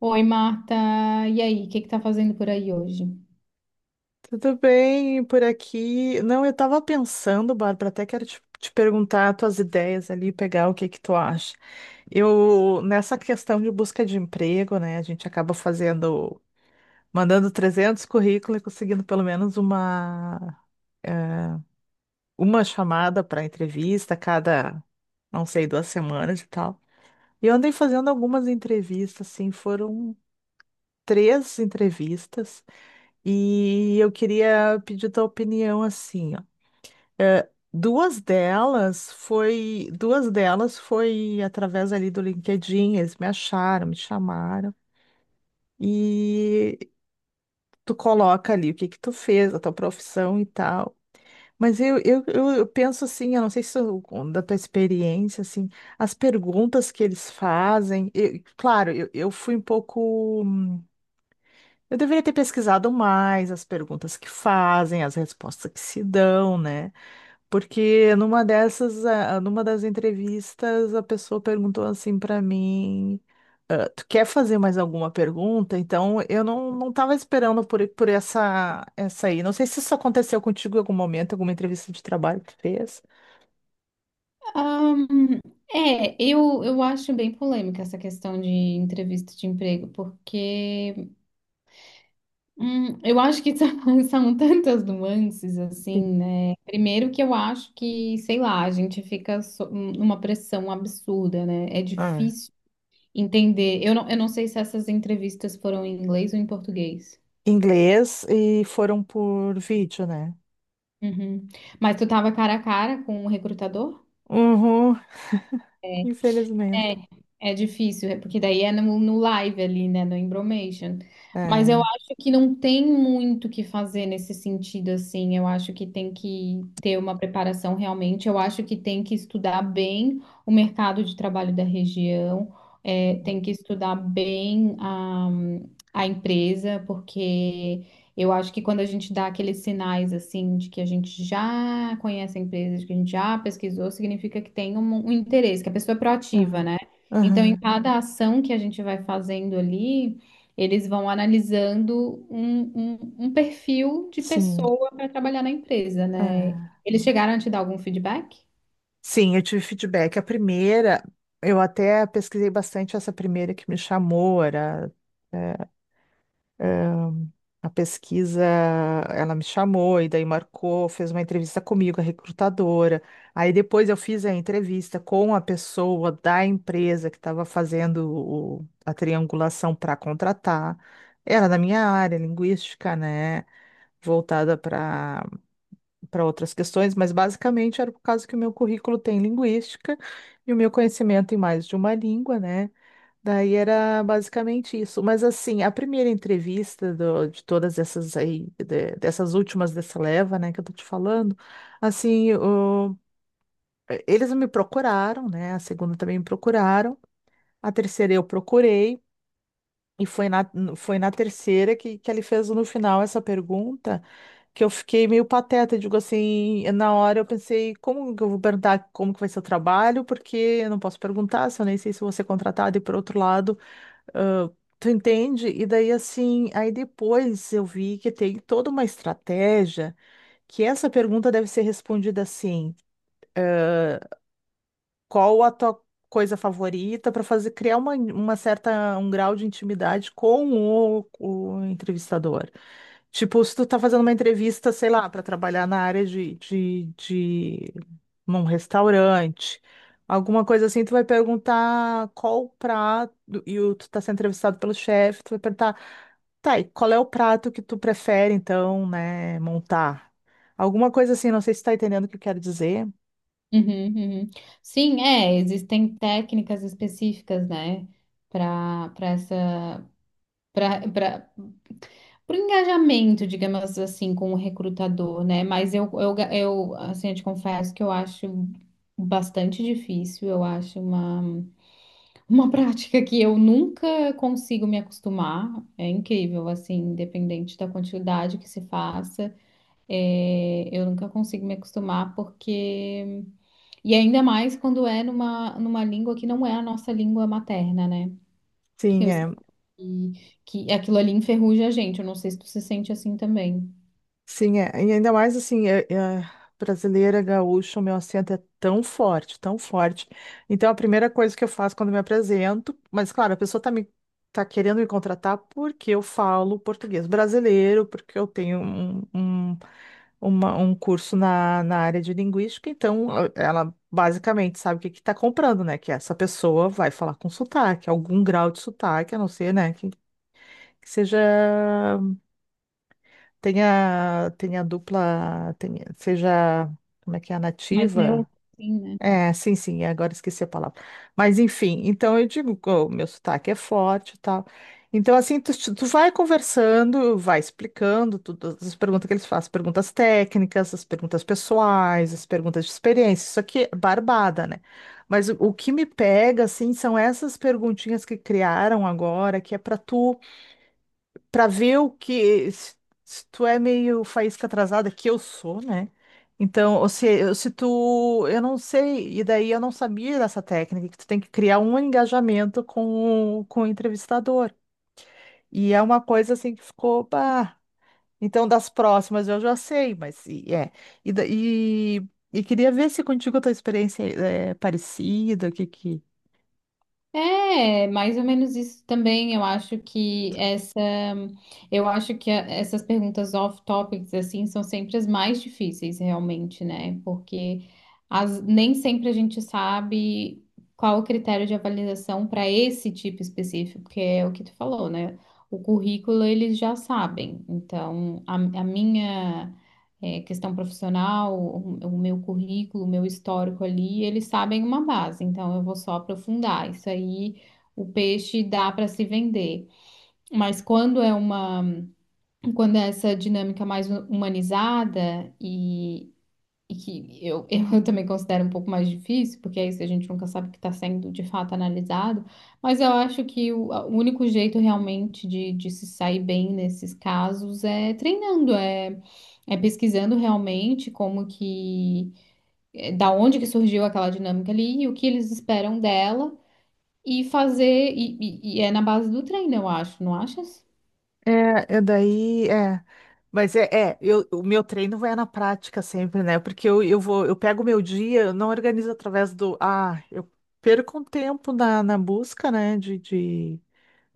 Oi, Marta. E aí, o que que tá fazendo por aí hoje? Tudo bem por aqui? Não, eu tava pensando, Bárbara, até quero te perguntar as tuas ideias ali, pegar o que que tu acha. Eu, nessa questão de busca de emprego, né, a gente acaba fazendo, mandando 300 currículos e conseguindo pelo menos uma, eh, uma chamada para entrevista cada, não sei, 2 semanas e tal. E eu andei fazendo algumas entrevistas, assim, foram três entrevistas, e eu queria pedir tua opinião, assim, ó. É, duas delas foi através ali do LinkedIn, eles me acharam, me chamaram e tu coloca ali o que que tu fez, a tua profissão e tal. Mas eu penso assim, eu não sei se eu- da tua experiência, assim, as perguntas que eles fazem, eu- claro, eu fui um pouco, eu deveria ter pesquisado mais as perguntas que fazem, as respostas que se dão, né? Porque numa dessas, ah, numa das entrevistas, a pessoa perguntou assim pra mim, ah, tu quer fazer mais alguma pergunta? Então, eu não, não tava esperando por essa aí. Não sei se isso aconteceu contigo em algum momento, alguma entrevista de trabalho que tu fez. Ahn, eu acho bem polêmica essa questão de entrevista de emprego, porque eu acho que são tantas nuances, assim, Sim. né? Primeiro que eu acho que, sei lá, a gente fica numa pressão absurda, né? É Ah. difícil entender. Eu não sei se essas entrevistas foram em inglês ou em português. Inglês e foram por vídeo, né? Uhum. Mas tu tava cara a cara com o recrutador? Uhum, infelizmente. É, é difícil, é porque daí é no live ali, né, no Embromation. Mas eu É. acho que não tem muito o que fazer nesse sentido, assim. Eu acho que tem que ter uma preparação realmente. Eu acho que tem que estudar bem o mercado de trabalho da região, é, tem que estudar bem a empresa, porque. Eu acho que quando a gente dá aqueles sinais assim de que a gente já conhece a empresa, de que a gente já pesquisou, significa que tem um interesse, que a pessoa é proativa, Aham, né? Então, em aham, cada ação que a gente vai fazendo ali, eles vão analisando um perfil de sim. pessoa para trabalhar na empresa, né? É. Eles chegaram a te dar algum feedback? Sim, eu tive feedback. A primeira, eu até pesquisei bastante essa primeira que me chamou, era é, a pesquisa, ela me chamou e daí marcou, fez uma entrevista comigo, a recrutadora. Aí depois eu fiz a entrevista com a pessoa da empresa que estava fazendo a triangulação para contratar. Era da minha área, linguística, né? Voltada para outras questões, mas basicamente era por causa que o meu currículo tem linguística e o meu conhecimento em mais de uma língua, né? Daí era basicamente isso. Mas assim, a primeira entrevista de todas essas aí, dessas últimas dessa leva, né, que eu tô te falando, assim, eles me procuraram, né? A segunda também me procuraram, a terceira eu procurei. E foi na terceira que, ele fez no final essa pergunta que eu fiquei meio pateta, digo assim, na hora eu pensei, como que eu vou perguntar como que vai ser o trabalho, porque eu não posso perguntar, se eu nem sei se vou ser contratada, e por outro lado, ah, tu entende? E daí assim, aí depois eu vi que tem toda uma estratégia, que essa pergunta deve ser respondida assim, qual a tua coisa favorita para fazer criar uma certa um grau de intimidade com o entrevistador. Tipo, se tu tá fazendo uma entrevista, sei lá, para trabalhar na área de num restaurante, alguma coisa assim, tu vai perguntar qual o prato, e tu tá sendo entrevistado pelo chefe, tu vai perguntar, tá, e qual é o prato que tu prefere, então, né, montar? Alguma coisa assim, não sei se tu tá entendendo o que eu quero dizer. Uhum, uhum. Sim, é, existem técnicas específicas, né, para essa, para por engajamento, digamos assim, com o recrutador, né? Mas eu, assim, eu te confesso que eu acho bastante difícil, eu acho uma prática que eu nunca consigo me acostumar, é incrível, assim, independente da quantidade que se faça, é, eu nunca consigo me acostumar porque, e ainda mais quando é numa língua que não é a nossa língua materna, né? Sim, Eu sei é. que, que aquilo ali enferruja a gente, eu não sei se tu se sente assim também. Sim, é. E ainda mais assim, brasileira, gaúcha, o meu acento é tão forte, tão forte. Então, a primeira coisa que eu faço quando me apresento, mas claro, a pessoa tá querendo me contratar porque eu falo português brasileiro, porque eu tenho um curso na área de linguística, então ela basicamente sabe o que que tá comprando, né? Que essa pessoa vai falar com sotaque, algum grau de sotaque, a não ser, né, que seja tem a dupla, tem, seja, como é que é a Mais nativa? neutro, assim, né? É, sim, sim, agora esqueci a palavra. Mas enfim, então eu digo que o meu sotaque é forte e tal. Então, assim, tu vai conversando, vai explicando tudo, as perguntas que eles fazem, perguntas técnicas, as perguntas pessoais, as perguntas de experiência, isso aqui é barbada, né? Mas o que me pega, assim, são essas perguntinhas que criaram agora, que é para ver o que se tu é meio faísca atrasada que eu sou, né? Então, ou se, eu- se tu, eu não sei, e daí eu não sabia dessa técnica que tu tem que criar um engajamento com o entrevistador. E é uma coisa assim que ficou, bah. Então, das próximas eu já sei, mas é. E, e queria ver se contigo a tua experiência é parecida, o que que É, mais ou menos isso também. Eu acho que essa, eu acho que essas perguntas off-topics assim são sempre as mais difíceis, realmente, né? Porque as, nem sempre a gente sabe qual o critério de avaliação para esse tipo específico, que é o que tu falou, né? O currículo eles já sabem. Então, a minha é, questão profissional, o meu currículo, o meu histórico ali, eles sabem uma base, então eu vou só aprofundar. Isso aí, o peixe dá para se vender. Mas quando é uma, quando é essa dinâmica mais humanizada e que eu, eu também considero um pouco mais difícil, porque é isso, a gente nunca sabe o que está sendo de fato analisado, mas eu acho que o único jeito realmente de se sair bem nesses casos é treinando, é, é pesquisando realmente como que, é, da onde que surgiu aquela dinâmica ali e o que eles esperam dela. E fazer, e é na base do treino, eu acho, não achas? É, eu daí, é. Mas é, é eu, o meu treino vai na prática sempre, né? Porque eu vou, eu pego o meu dia, eu não organizo através do. Ah, eu perco um tempo na busca, né? De, de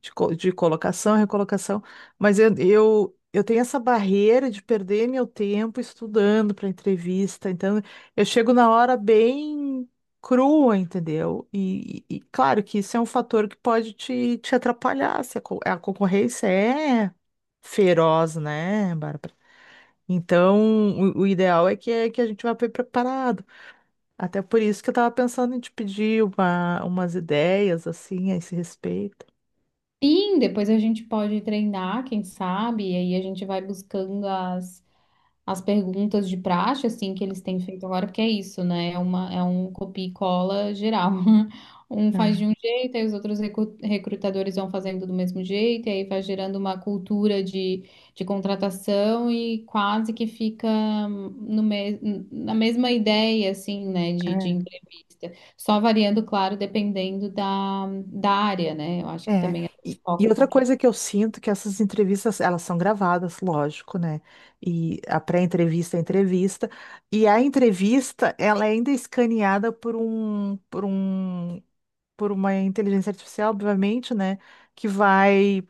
de, co- De colocação, recolocação, mas eu tenho essa barreira de perder meu tempo estudando para entrevista, então eu chego na hora bem crua, entendeu? E claro que isso é um fator que pode te atrapalhar, se a, co- a concorrência é feroz, né, Bárbara? Então, o ideal é que a gente vá bem preparado. Até por isso que eu estava pensando em te pedir umas ideias, assim, a esse respeito. Sim, depois a gente pode treinar, quem sabe, e aí a gente vai buscando as, as perguntas de praxe, assim, que eles têm feito agora, porque é isso, né? É uma, é um copia e cola geral. Um faz de um jeito, aí os outros recrutadores vão fazendo do mesmo jeito, e aí vai gerando uma cultura de contratação e quase que fica no me na mesma ideia, assim, né, de É. entrevista. Só variando, claro, dependendo da, da área, né? Eu acho que É, também e foca um outra pouquinho. coisa que eu sinto que essas entrevistas, elas são gravadas, lógico, né? E a pré-entrevista é entrevista, e a entrevista, ela é ainda escaneada por uma inteligência artificial, obviamente, né? Que vai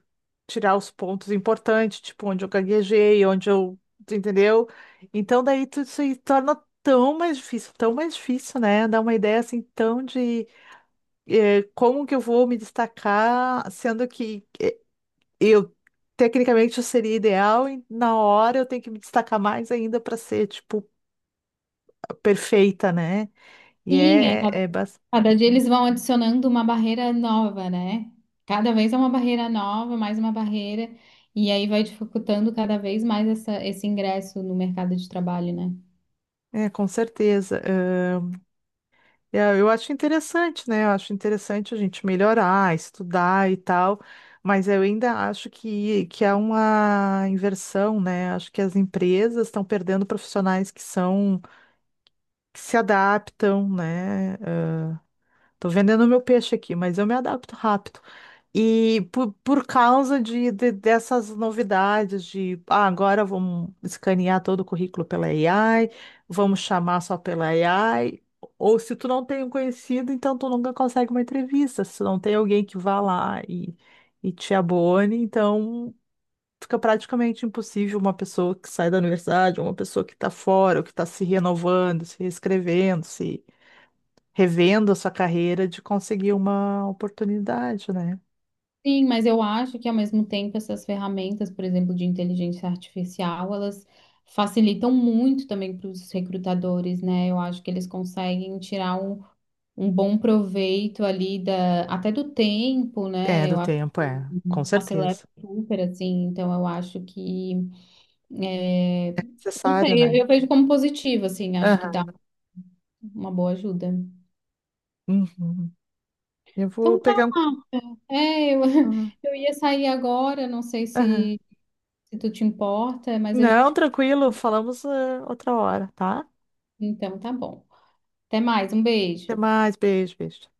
tirar os pontos importantes, tipo onde eu gaguejei, onde eu, tu entendeu? Então daí tudo isso aí torna tão mais difícil, né? Dá uma ideia assim tão de como que eu vou me destacar, sendo que é, eu, tecnicamente, eu seria ideal e na hora eu tenho que me destacar mais ainda para ser, tipo, perfeita, né? E Sim, é. Cada dia eles vão adicionando uma barreira nova, né? Cada vez é uma barreira nova, mais uma barreira, e aí vai dificultando cada vez mais esse ingresso no mercado de trabalho, né? é, com certeza. É, eu acho interessante, né? Eu acho interessante a gente melhorar, estudar e tal, mas eu ainda acho que há uma inversão, né? Acho que as empresas estão perdendo profissionais que são, que se adaptam, né? Tô vendendo meu peixe aqui, mas eu me adapto rápido. E por causa dessas novidades de ah, agora vamos escanear todo o currículo pela AI, vamos chamar só pela AI, ou se tu não tem um conhecido, então tu nunca consegue uma entrevista, se não tem alguém que vá lá e te abone, então fica praticamente impossível uma pessoa que sai da universidade, uma pessoa que está fora, ou que está se renovando, se reescrevendo, revendo a sua carreira de conseguir uma oportunidade, né? Sim, mas eu acho que ao mesmo tempo essas ferramentas, por exemplo, de inteligência artificial, elas facilitam muito também para os recrutadores, né? Eu acho que eles conseguem tirar um, um bom proveito ali da, até do tempo, É, né? do Eu acho tempo, que é, com acelera certeza. super, assim, então eu acho que é, É não necessário, sei, né? Eu vejo como positivo, assim, acho que dá Aham. uma boa ajuda. Uhum. Eu vou Então tá, pegar um. é, eu, Aham. eu ia sair agora, não sei Aham. se, se tu te importa, mas a Não, gente. tranquilo, falamos, outra hora, tá? Então tá bom. Até mais, um beijo. Até mais, beijo, beijo.